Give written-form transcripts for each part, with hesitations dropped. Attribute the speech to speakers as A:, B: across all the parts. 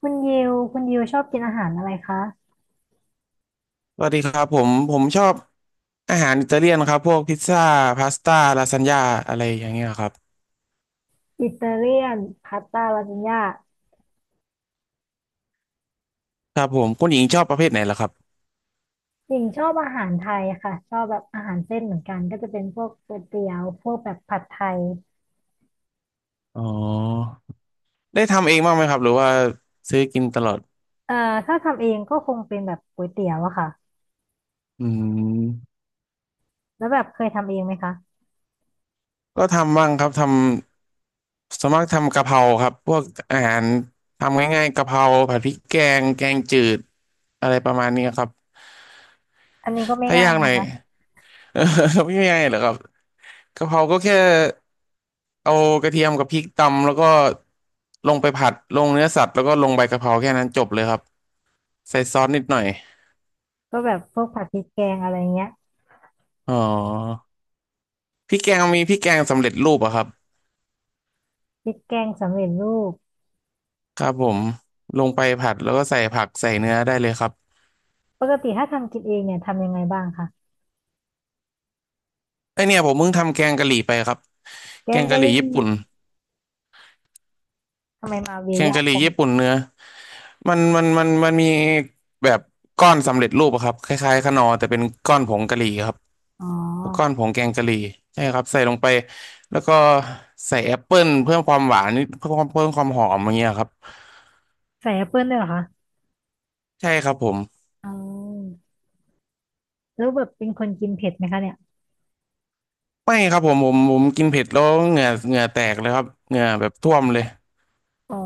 A: คุณยิวคุณยิวชอบกินอาหารอะไรคะ
B: สวัสดีครับผมชอบอาหารอิตาเลียนครับพวกพิซซ่าพาสต้าลาซานญ่าอะไรอย่างเงี้ยครับ
A: อิตาเลียนพาสต้าลาซานญ่า
B: ครับผมคุณหญิงชอบประเภทไหนล่ะครับ
A: หญิงชอบอาหารไทยค่ะชอบแบบอาหารเส้นเหมือนกัน ก็จะเป็นพวกก๋วยเตี๋ยวพวกแบบผัดไทย
B: อ๋อได้ทำเองบ้างไหมครับหรือว่าซื้อกินตลอด
A: เอ่อถ้าทำเองก็คงเป็นแบบก๋วยเตี๋ยวอะค่ะ
B: อืม
A: แล้วแบบเคยทำเองไหมคะ
B: ก็ทำบ้างครับทำสวนมากทำกะเพราครับพวกอาหารทำง่ายๆกะเพราผัดพริกแกงแกงจืดอะไรประมาณนี้ครับ
A: อันนี้ก็ไม่
B: ถ้า
A: ง่าย
B: ยากหน่
A: นะ
B: อย
A: คะ
B: ไม่ง่ายเหรอครับ กะเพราก็แค่เอากระเทียมกับพริกตำแล้วก็ลงไปผัดลงเนื้อสัตว์แล้วก็ลงใบกะเพราแค่นั้นจบเลยครับใส่ซอสนิดหน่อย
A: ก็แบบพวกผัดพริกแกงอะไรเงี้ย
B: อ๋อพริกแกงมีพริกแกงสำเร็จรูปอะครับ
A: พริกแกงสำเร็จรูป
B: ครับผมลงไปผัดแล้วก็ใส่ผักใส่เนื้อได้เลยครับ
A: ปกติถ้าทำกินเองเนี่ยทำยังไงบ้างคะ
B: ไอเนี่ยผมเพิ่งทำแกงกะหรี่ไปครับ
A: แก
B: แก
A: ง
B: ง
A: กะ
B: กะห
A: ห
B: รี่
A: รี่
B: ญี่ปุ่น
A: ทำไมมาเวีย
B: แกง
A: ยาก
B: กะหรี่
A: จัง
B: ญี่ปุ่นเนื้อมันมีแบบก้อนสำเร็จรูปอะครับคล้ายๆขนอแต่เป็นก้อนผงกะหรี่ครับ
A: อ๋อ
B: ก้อนผงแกงกะหรี่ใช่ครับใส่ลงไปแล้วก็ใส่แอปเปิลเพิ่มความหวานนิดเพิ่มความหอมอย่างเงี้ยครับ
A: ใส่แอปเปิ้ลด้วยเหรอคะ
B: ใช่ครับผม
A: อ๋อ แล้วแบบเป็นคนกินเผ็ดไหมคะเนี่ย
B: ไม่ครับผมกินเผ็ดแล้วเหงื่อแตกเลยครับเหงื่อแบบท่วมเลย
A: อ๋อ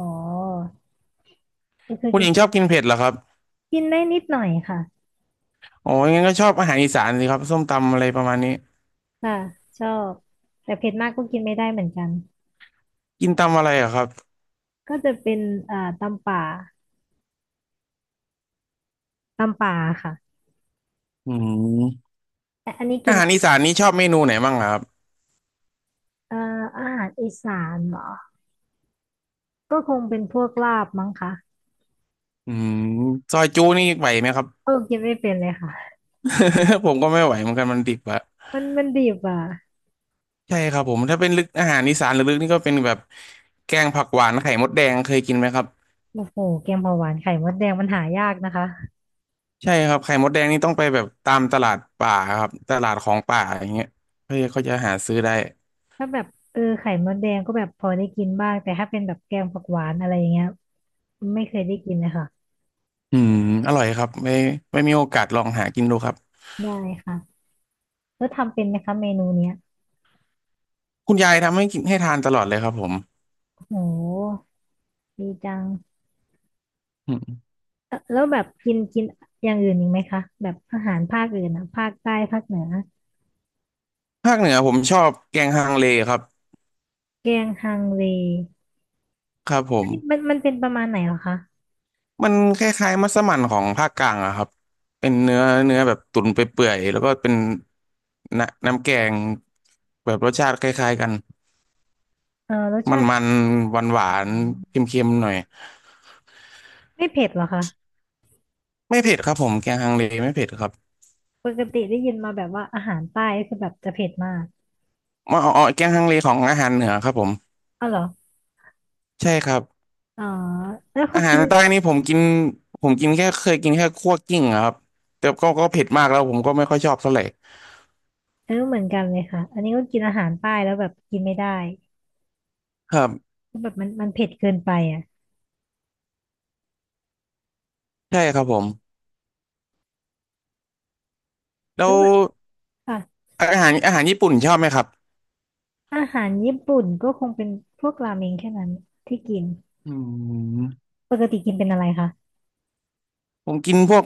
A: ก็คือ
B: คุณ
A: กิ
B: ห
A: น
B: ญิงชอบกินเผ็ดเหรอครับ
A: กินได้นิดหน่อยค่ะ
B: อ๋องั้นก็ชอบอาหารอีสานสิครับส้มตำอะไรประมาณนี้
A: ค่ะชอบแต่เผ็ดมากก็กินไม่ได้เหมือนกัน
B: กินตำอะไรเหรอครับ
A: ก็จะเป็นตำป่าตำป่าค่ะ
B: อืม
A: แต่อันนี้กิ
B: อา
A: น
B: หารอีสานนี้ชอบเมนูไหนบ้างเหรอครับ
A: เอ่ออาหารอีสานเหรอก็คงเป็นพวกลาบมั้งคะ
B: อืมซอยจูนี่ไหวไหมครับ
A: เออกินไม่เป็นเลยค่ะ
B: ผมก็ไม่ไหวเหมือนกันมันดิบอะ
A: มันมันดิบอ่ะ
B: ใช่ครับผมถ้าเป็นลึกอาหารอีสานลึกๆนี่ก็เป็นแบบแกงผักหวานไข่มดแดงเคยกินไหมครับ
A: โอ้โหแกงเผาหวานไข่มดแดงมันหายากนะคะ
B: ใช่ครับไข่มดแดงนี่ต้องไปแบบตามตลาดป่าครับตลาดของป่าอย่างเงี้ยเพื่อเขาจะหาซื้อได้
A: ถ้าแบบเออไข่มดแดงก็แบบพอได้กินบ้างแต่ถ้าเป็นแบบแกงผักหวานอะไรอย่างเงี้ยไม่เคยได้กินเลยค่ะ
B: อืมอร่อยครับไม่มีโอกาสลองหากินดูครับ
A: ได้ค่ะ แล้วทำเป็นไหมคะเมนูเนี้ย
B: คุณยายทำให้กินให้ทานตลอดเลยครับผม
A: โหดีจัง
B: อืม
A: แล้วแบบกินกินอย่างอื่นอีกไหมคะแบบอาหารภาคอื่นอะภาคใต้ภาคเหนือ
B: ภาคเหนือผมชอบแกงฮังเลครับ
A: แกงฮังเล
B: ครับผ
A: อั
B: ม
A: นนี้มันมันเป็นประมาณไหนเหรอคะ
B: มันคล้ายๆมัสมั่นของภาคกลางอะครับเป็นเนื้อแบบตุ๋นไปเปื่อยๆแล้วก็เป็นน้ำแกงแบบรสชาติคล้ายๆกัน
A: เออรส
B: ม
A: ชาติ
B: ันๆหวานหวา
A: อื
B: นเ
A: ม
B: ค็มๆหน่อย
A: ไม่เผ็ดเหรอคะ
B: ไม่เผ็ดครับผมแกงฮังเลไม่เผ็ดครับ
A: ปกติได้ยินมาแบบว่าอาหารใต้ก็คือแบบจะเผ็ดมาก
B: อ๋อแกงฮังเลของอาหารเหนือครับผม
A: อ๋อเหรอ
B: ใช่ครับ
A: อ๋อแล้ว
B: อา
A: เขา
B: หาร
A: กิน
B: ใต้นี่ผมกินผมกินแค่เคยกินแค่คั่วกลิ้งอะครับแต่ก็เผ็ดมากแล้วผมก็ไม่ค่อยชอบเท่าไหร่
A: เออเหมือนกันเลยค่ะอันนี้ก็กินอาหารใต้แล้วแบบกินไม่ได้
B: ครับ
A: ก็แบบมันมันเผ็ดเกินไปอ่ะ
B: ใช่ครับผมแล้
A: แล้
B: ว
A: วแบบค่ะ
B: อาหารญี่ปุ่นชอบไหมครับ
A: อาหารญี่ปุ่นก็คงเป็นพวกราเมงแค่นั้นที่กิน
B: อืม
A: ปกติกินเป็นอะไรคะ
B: ผมกินพวก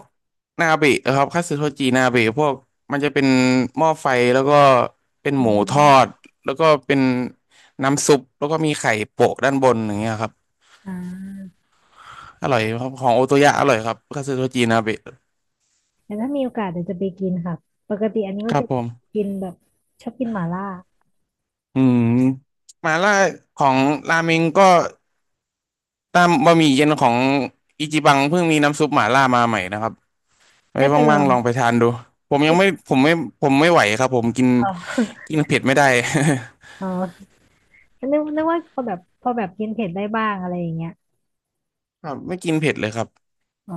B: นาเบะครับคัตสึโทจินาเบะพวกมันจะเป็นหม้อไฟแล้วก็เป็น
A: อื
B: หมูทอ
A: ม
B: ดแล้วก็เป็นน้ำซุปแล้วก็มีไข่โปะด้านบนอย่างเงี้ยครับ
A: อ่า
B: อร่อยครับของโอโตยะอร่อยครับคัตสึโทจินาเบะ
A: แต่ถ้ามีโอกาสเดี๋ยวจะไปกินค่ะปกติอันนี้
B: ค
A: ก็
B: รับ
A: จะ
B: ผม
A: กินแบบชอบกินหม่าล่า
B: อืมมาล่าของราเมงก็ตามบะหมี่เย็นของอิจิบังเพิ่งมีน้ำซุปหม่าล่ามาใหม่นะครับไว้
A: ได้ไปลอ
B: ว่าง
A: ง
B: ๆลองไปทานดูผมยั
A: ได้
B: งไม่ผมไม่ผมไม่ไหวครับผมกิน
A: อ๋อ
B: กินเผ็ดไม่ได้
A: อ๋อนึกว่าพอแบบพอแบบกินเผ็ดได้บ้างอะไรอย่างเงี้ย
B: ครับไม่กินเผ็ดเลยครับ
A: อ๋อ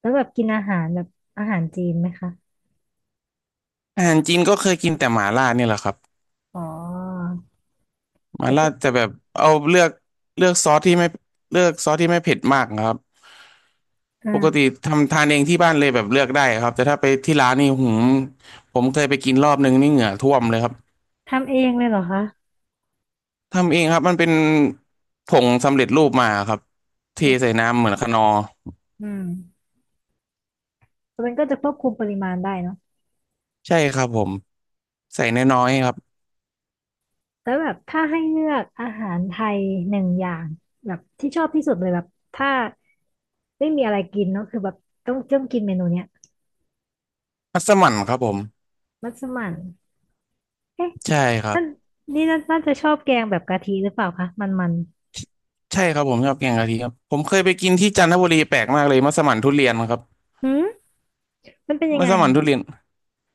A: แล้วแบบกินอาหารแบบอาหารจีนไหมคะ
B: อาหารจีนก็เคยกินแต่หม่าล่าเนี่ยแหละครับ
A: อ๋อ
B: หม่า
A: เด็ก
B: ล่า
A: ก็
B: จะแบบเอาเลือกเลือกซอสที่ไม่เลือกซอสที่ไม่เผ็ดมากนะครับ
A: อ่
B: ปกติ
A: า
B: ทำทานเองที่บ้านเลยแบบเลือกได้ครับแต่ถ้าไปที่ร้านนี่หืมผมเคยไปกินรอบนึงนี่เหงื่อท่วมเลยครับ
A: ทำเองเลยเหรอคะ
B: ทำเองครับมันเป็นผงสำเร็จรูปมาครับเทใส่น้ำเหมือนคะนอร์
A: อืมมันก็จะควบคุมปริมาณได้เนอะ
B: ใช่ครับผมใส่น้อยๆครับ
A: แล้วแบบถ้าให้เลือกอาหารไทยหนึ่งอย่างแบบที่ชอบที่สุดเลยแบบถ้าไม่มีอะไรกินเนาะคือแบบต้องกินเมนูเนี้ย
B: มัสมั่นครับผม
A: มัสมั่นเอ๊ะ
B: ใช่ครับ
A: นั่นนี่น่าจะชอบแกงแบบกะทิหรือเปล่าคะมันมัน
B: ใช่ครับผมชอบแกงกะทิครับผมเคยไปกินที่จันทบุรีแปลกมากเลยมัสมั่นทุเรียนครับ
A: หืมมันเป็นยัง
B: มั
A: ไง
B: สมั่น
A: อะ
B: ทุเรียน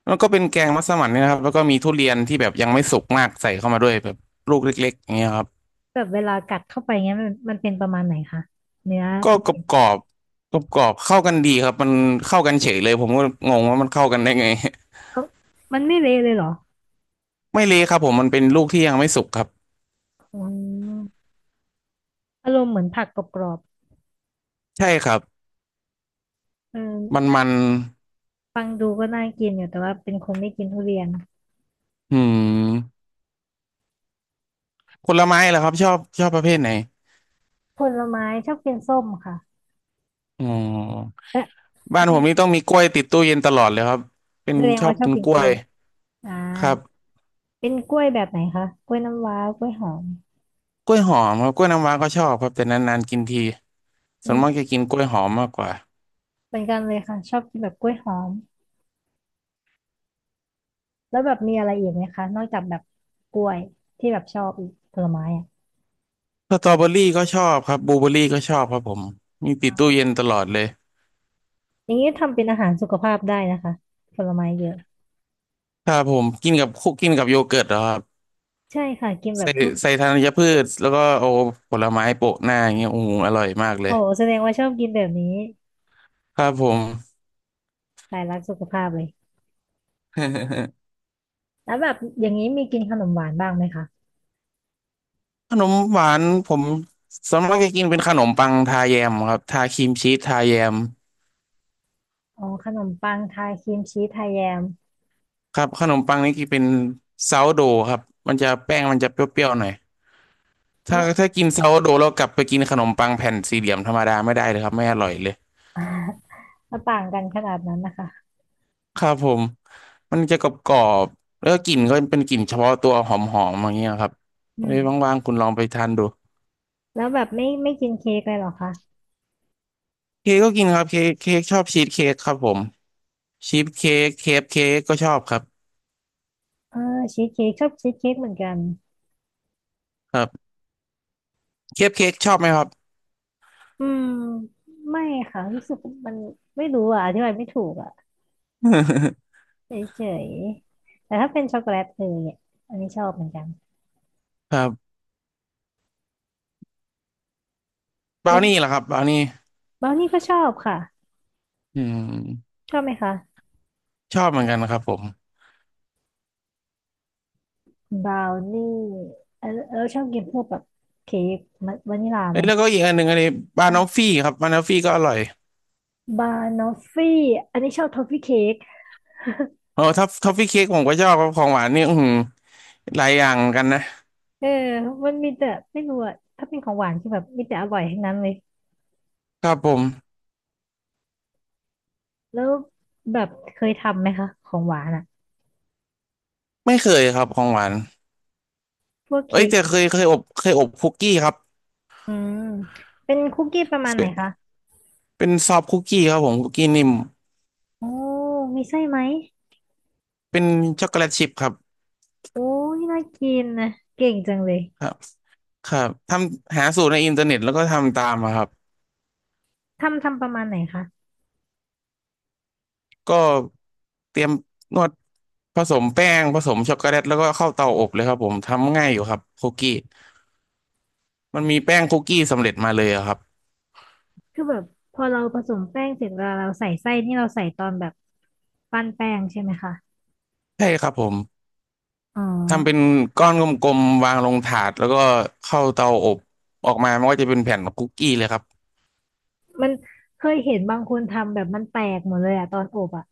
B: แล้วก็เป็นแกงมัสมั่นเนี่ยนะครับแล้วก็มีทุเรียนที่แบบยังไม่สุกมากใส่เข้ามาด้วยแบบลูกเล็กๆอย่างเงี้ยครับ
A: แบบเวลากัดเข้าไปเงี้ยมันมันเป็นประมาณไหนคะเนื้อ
B: ก็
A: ทุ
B: กรอ
A: เรี
B: บ
A: ยน
B: กรอบกรอบกรอบเข้ากันดีครับมันเข้ากันเฉยเลยผมก็งงว่ามันเข้ากันได้ไง
A: เขามันไม่เละเลยเหรอ
B: ไม่เละครับผมมันเป็นลูกที่ยังไม่สุกครับ
A: อืมอารมณ์เหมือนผักกรอบ
B: ใช่ครับ
A: ๆเอ
B: มัน
A: อ
B: มัน
A: ฟังดูก็น่ากินอยู่แต่ว่าเป็นคนไม่กินทุเรียน
B: อืมผลไม้เหรอครับชอบชอบประเภทไหน
A: ผลไม้ชอบกินส้มค่ะ
B: อ๋อ
A: และ
B: บ้า
A: แล้
B: น
A: ว
B: ผ
A: มัน
B: มนี่ต้องมีกล้วยติดตู้เย็นตลอดเลยครับเป็น
A: แสดง
B: ชอ
A: ว่า
B: บ
A: ชอ
B: กิ
A: บ
B: น
A: กิน
B: กล้
A: ก
B: ว
A: ล้
B: ย
A: วยอ่า
B: ครับ
A: เป็นกล้วยแบบไหนคะกล้วยน้ำว้ากล้วยหอม
B: กล้วยหอมครับกล้วยน้ำว้าก็ชอบครับแต่นานๆกินที
A: อื
B: ส่วนมากจะ
A: ม
B: กินกล้วยหอมมากกว่า
A: เหมือนกันเลยค่ะชอบกินแบบกล้วยหอมแล้วแบบมีอะไรอีกไหมคะนอกจากแบบกล้วยที่แบบชอบอีกผลไม้อะ
B: สตรอเบอรี่ก็ชอบครับบลูเบอรี่ก็ชอบครับผมมีติดตู้เย็นตลอดเลย
A: อย่างนี้ทำเป็นอาหารสุขภาพได้นะคะผลไม้เยอะ
B: ถ้าผมกินกับคุกกินกับโยเกิร์ตเหรอครับ
A: ใช่ค่ะกินแบ
B: ใส่
A: บพวก
B: ใส่ธัญพืชแล้วก็เอาผลไม้โปะหน้าอย่างเงี้ยโอ้โหอร่อยมากเลย
A: โอ้โหแสดงว่าชอบกินแบบนี้
B: ครับผม
A: สายรักสุขภาพเลย แล้วแบบอย่างนี้มีกินขนมหวานบ้างไหมคะ
B: ขนมหวานผมส่วนมากจะกินเป็นขนมปังทาแยมครับทาครีมชีสทาแยม
A: อ๋อขนมปังทาครีมชีสไทยแยม
B: ครับขนมปังนี่กินเป็นซาวโดครับมันจะแป้งมันจะเปรี้ยวๆหน่อย
A: แล้
B: ถ้า
A: ว
B: ถ้ากินซาวโดแล้วกลับไปกินขนมปังแผ่นสี่เหลี่ยมธรรมดาไม่ได้เลยครับไม่อร่อยเลย
A: แล้ วต่างกันขนาดนั้นนะคะ
B: ครับผมมันจะกรอบกรอบแล้วกกลิ่นก็เป็นกลิ่นเฉพาะตัวหอมหอมอย่างเงี้ยครับ
A: อื
B: ไว้
A: ม
B: ว่างๆคุณลองไปทานดู
A: แล้วแบบไม่กินเค้กเลยเหรอคะ
B: เค้กก็กินครับเค้กชอบชีสเค้กครับผมชีสเค้กเคฟเค้กก็ชอบครับ
A: เออชีสเค้กชอบชีสเค้กเหมือนกัน
B: ครับเคฟเค้กชอบไหมครับ
A: อืมไม่ค่ะรู้สึกมันไม่รู้อ่ะอธิบายไม่ถูกอ่ะ เฉยๆแต่ถ้าเป็นช็อกโกแลตเออเนี่ยอันนี้ชอบเหมือนกัน
B: ครับบรา
A: แล้
B: ว
A: ว
B: นี่เหรอครับบราวนี่
A: บราวนี่ก็ชอบค่ะ
B: อืม
A: ชอบไหมคะ
B: ชอบเหมือนกันครับผม
A: บราวนี่เออเราชอบกินพวกแบบเค้กมันวานิลลา
B: เอ้
A: ไหม
B: ยแล้วก็อีกอันหนึ่งอันนี้บานอฟฟี่ครับบานอฟฟี่ก็อร่อย
A: บานอฟฟี่อันนี้ชอบทอฟฟี่เค้ก
B: โอ้ทัฟทอฟฟี่เค้กผมก็ชอบครับของหวานนี่อือหือหลายอย่างเหมือนกันนะ
A: เออมันมีแต่ไม่รู้อ่ะถ้าเป็นของหวานคือแบบมีแต่อร่อยทั้งนั้นเลย
B: ครับผม
A: แล้วแบบเคยทำไหมคะของหวานอ่ะ
B: ไม่เคยครับของหวาน
A: พวก
B: เอ้ย
A: เค้ก
B: แต่เคยอบเคยอบคุกกี้ครับ
A: อืมเป็นคุกกี้ประมาณไหน
B: เป็น
A: คะ
B: เป็นซอฟต์คุกกี้ครับผมคุกกี้นิ่ม
A: โอ้มีไส้ไหม
B: เป็นช็อกโกแลตชิพครับ
A: โอ้ยน่ากินนะเก่งจังเลย
B: ครับครับทำหาสูตรในอินเทอร์เน็ตแล้วก็ทำตามอะครับ
A: ทำทำประมาณไหนคะ
B: ก็เตรียมนวดผสมแป้งผสมช็อกโกแลตแล้วก็เข้าเตาอบเลยครับผมทำง่ายอยู่ครับคุกกี้มันมีแป้งคุกกี้สำเร็จมาเลยอะครับ
A: คือแบบพอเราผสมแป้งเสร็จเวลาเราใส่ไส้นี่เราใส่ตอนแบบปั้นแป้งใช่ไหมคะ
B: ใช่ครับผม
A: อ๋อ
B: ทำเป็นก้อนกลมๆวางลงถาดแล้วก็เข้าเตาอบออกมามันก็จะเป็นแผ่นคุกกี้เลยครับ
A: มันเคยเห็นบางคนทำแบบมันแตกหมดเลยอะตอนอบอะ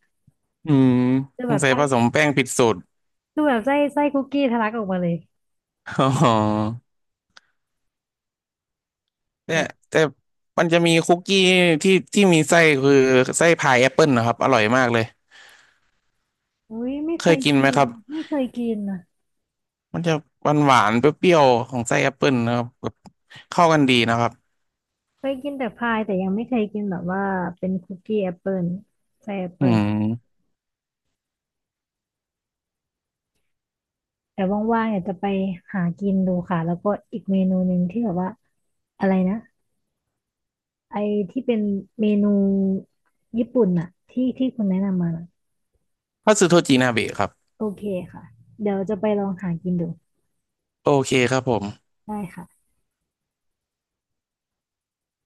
B: อืม
A: คือ
B: ส
A: แบ
B: ง
A: บ
B: สัย
A: ไส้
B: ผสมแป้งผิดสูตร
A: คือแบบไส้คุกกี้ทะลักออกมาเลย
B: อ๋อเนี่ย
A: แบบ
B: แต่มันจะมีคุกกี้ที่มีไส้คือไส้พายแอปเปิลนะครับ อร่อยมากเลย
A: อุ้ยไม่
B: เค
A: เค
B: ย
A: ย
B: กินไห
A: กิ
B: มค
A: น
B: รับ
A: ไม่เคยกินนะ
B: มันจะหวานหวานเปรี้ยวๆของไส้แอปเปิลนะครับแบบเข้ากันดีนะครับ
A: เคยกินแต่พายแต่ยังไม่เคยกินแบบว่าเป็นคุกกี้แอปเปิลใส่แอป
B: อื
A: เปิล
B: ม
A: แต่ว่างๆอยากจะไปหากินดูค่ะแล้วก็อีกเมนูหนึ่งที่แบบว่าอะไรนะไอที่เป็นเมนูญี่ปุ่นอะที่ที่คุณแนะนำมาน่ะ
B: พัสดุโทจินาเบะครับ
A: โอเคค่ะเดี๋ยวจะไปลองหากินดู
B: โอเคครับผม
A: ได้ค่ะ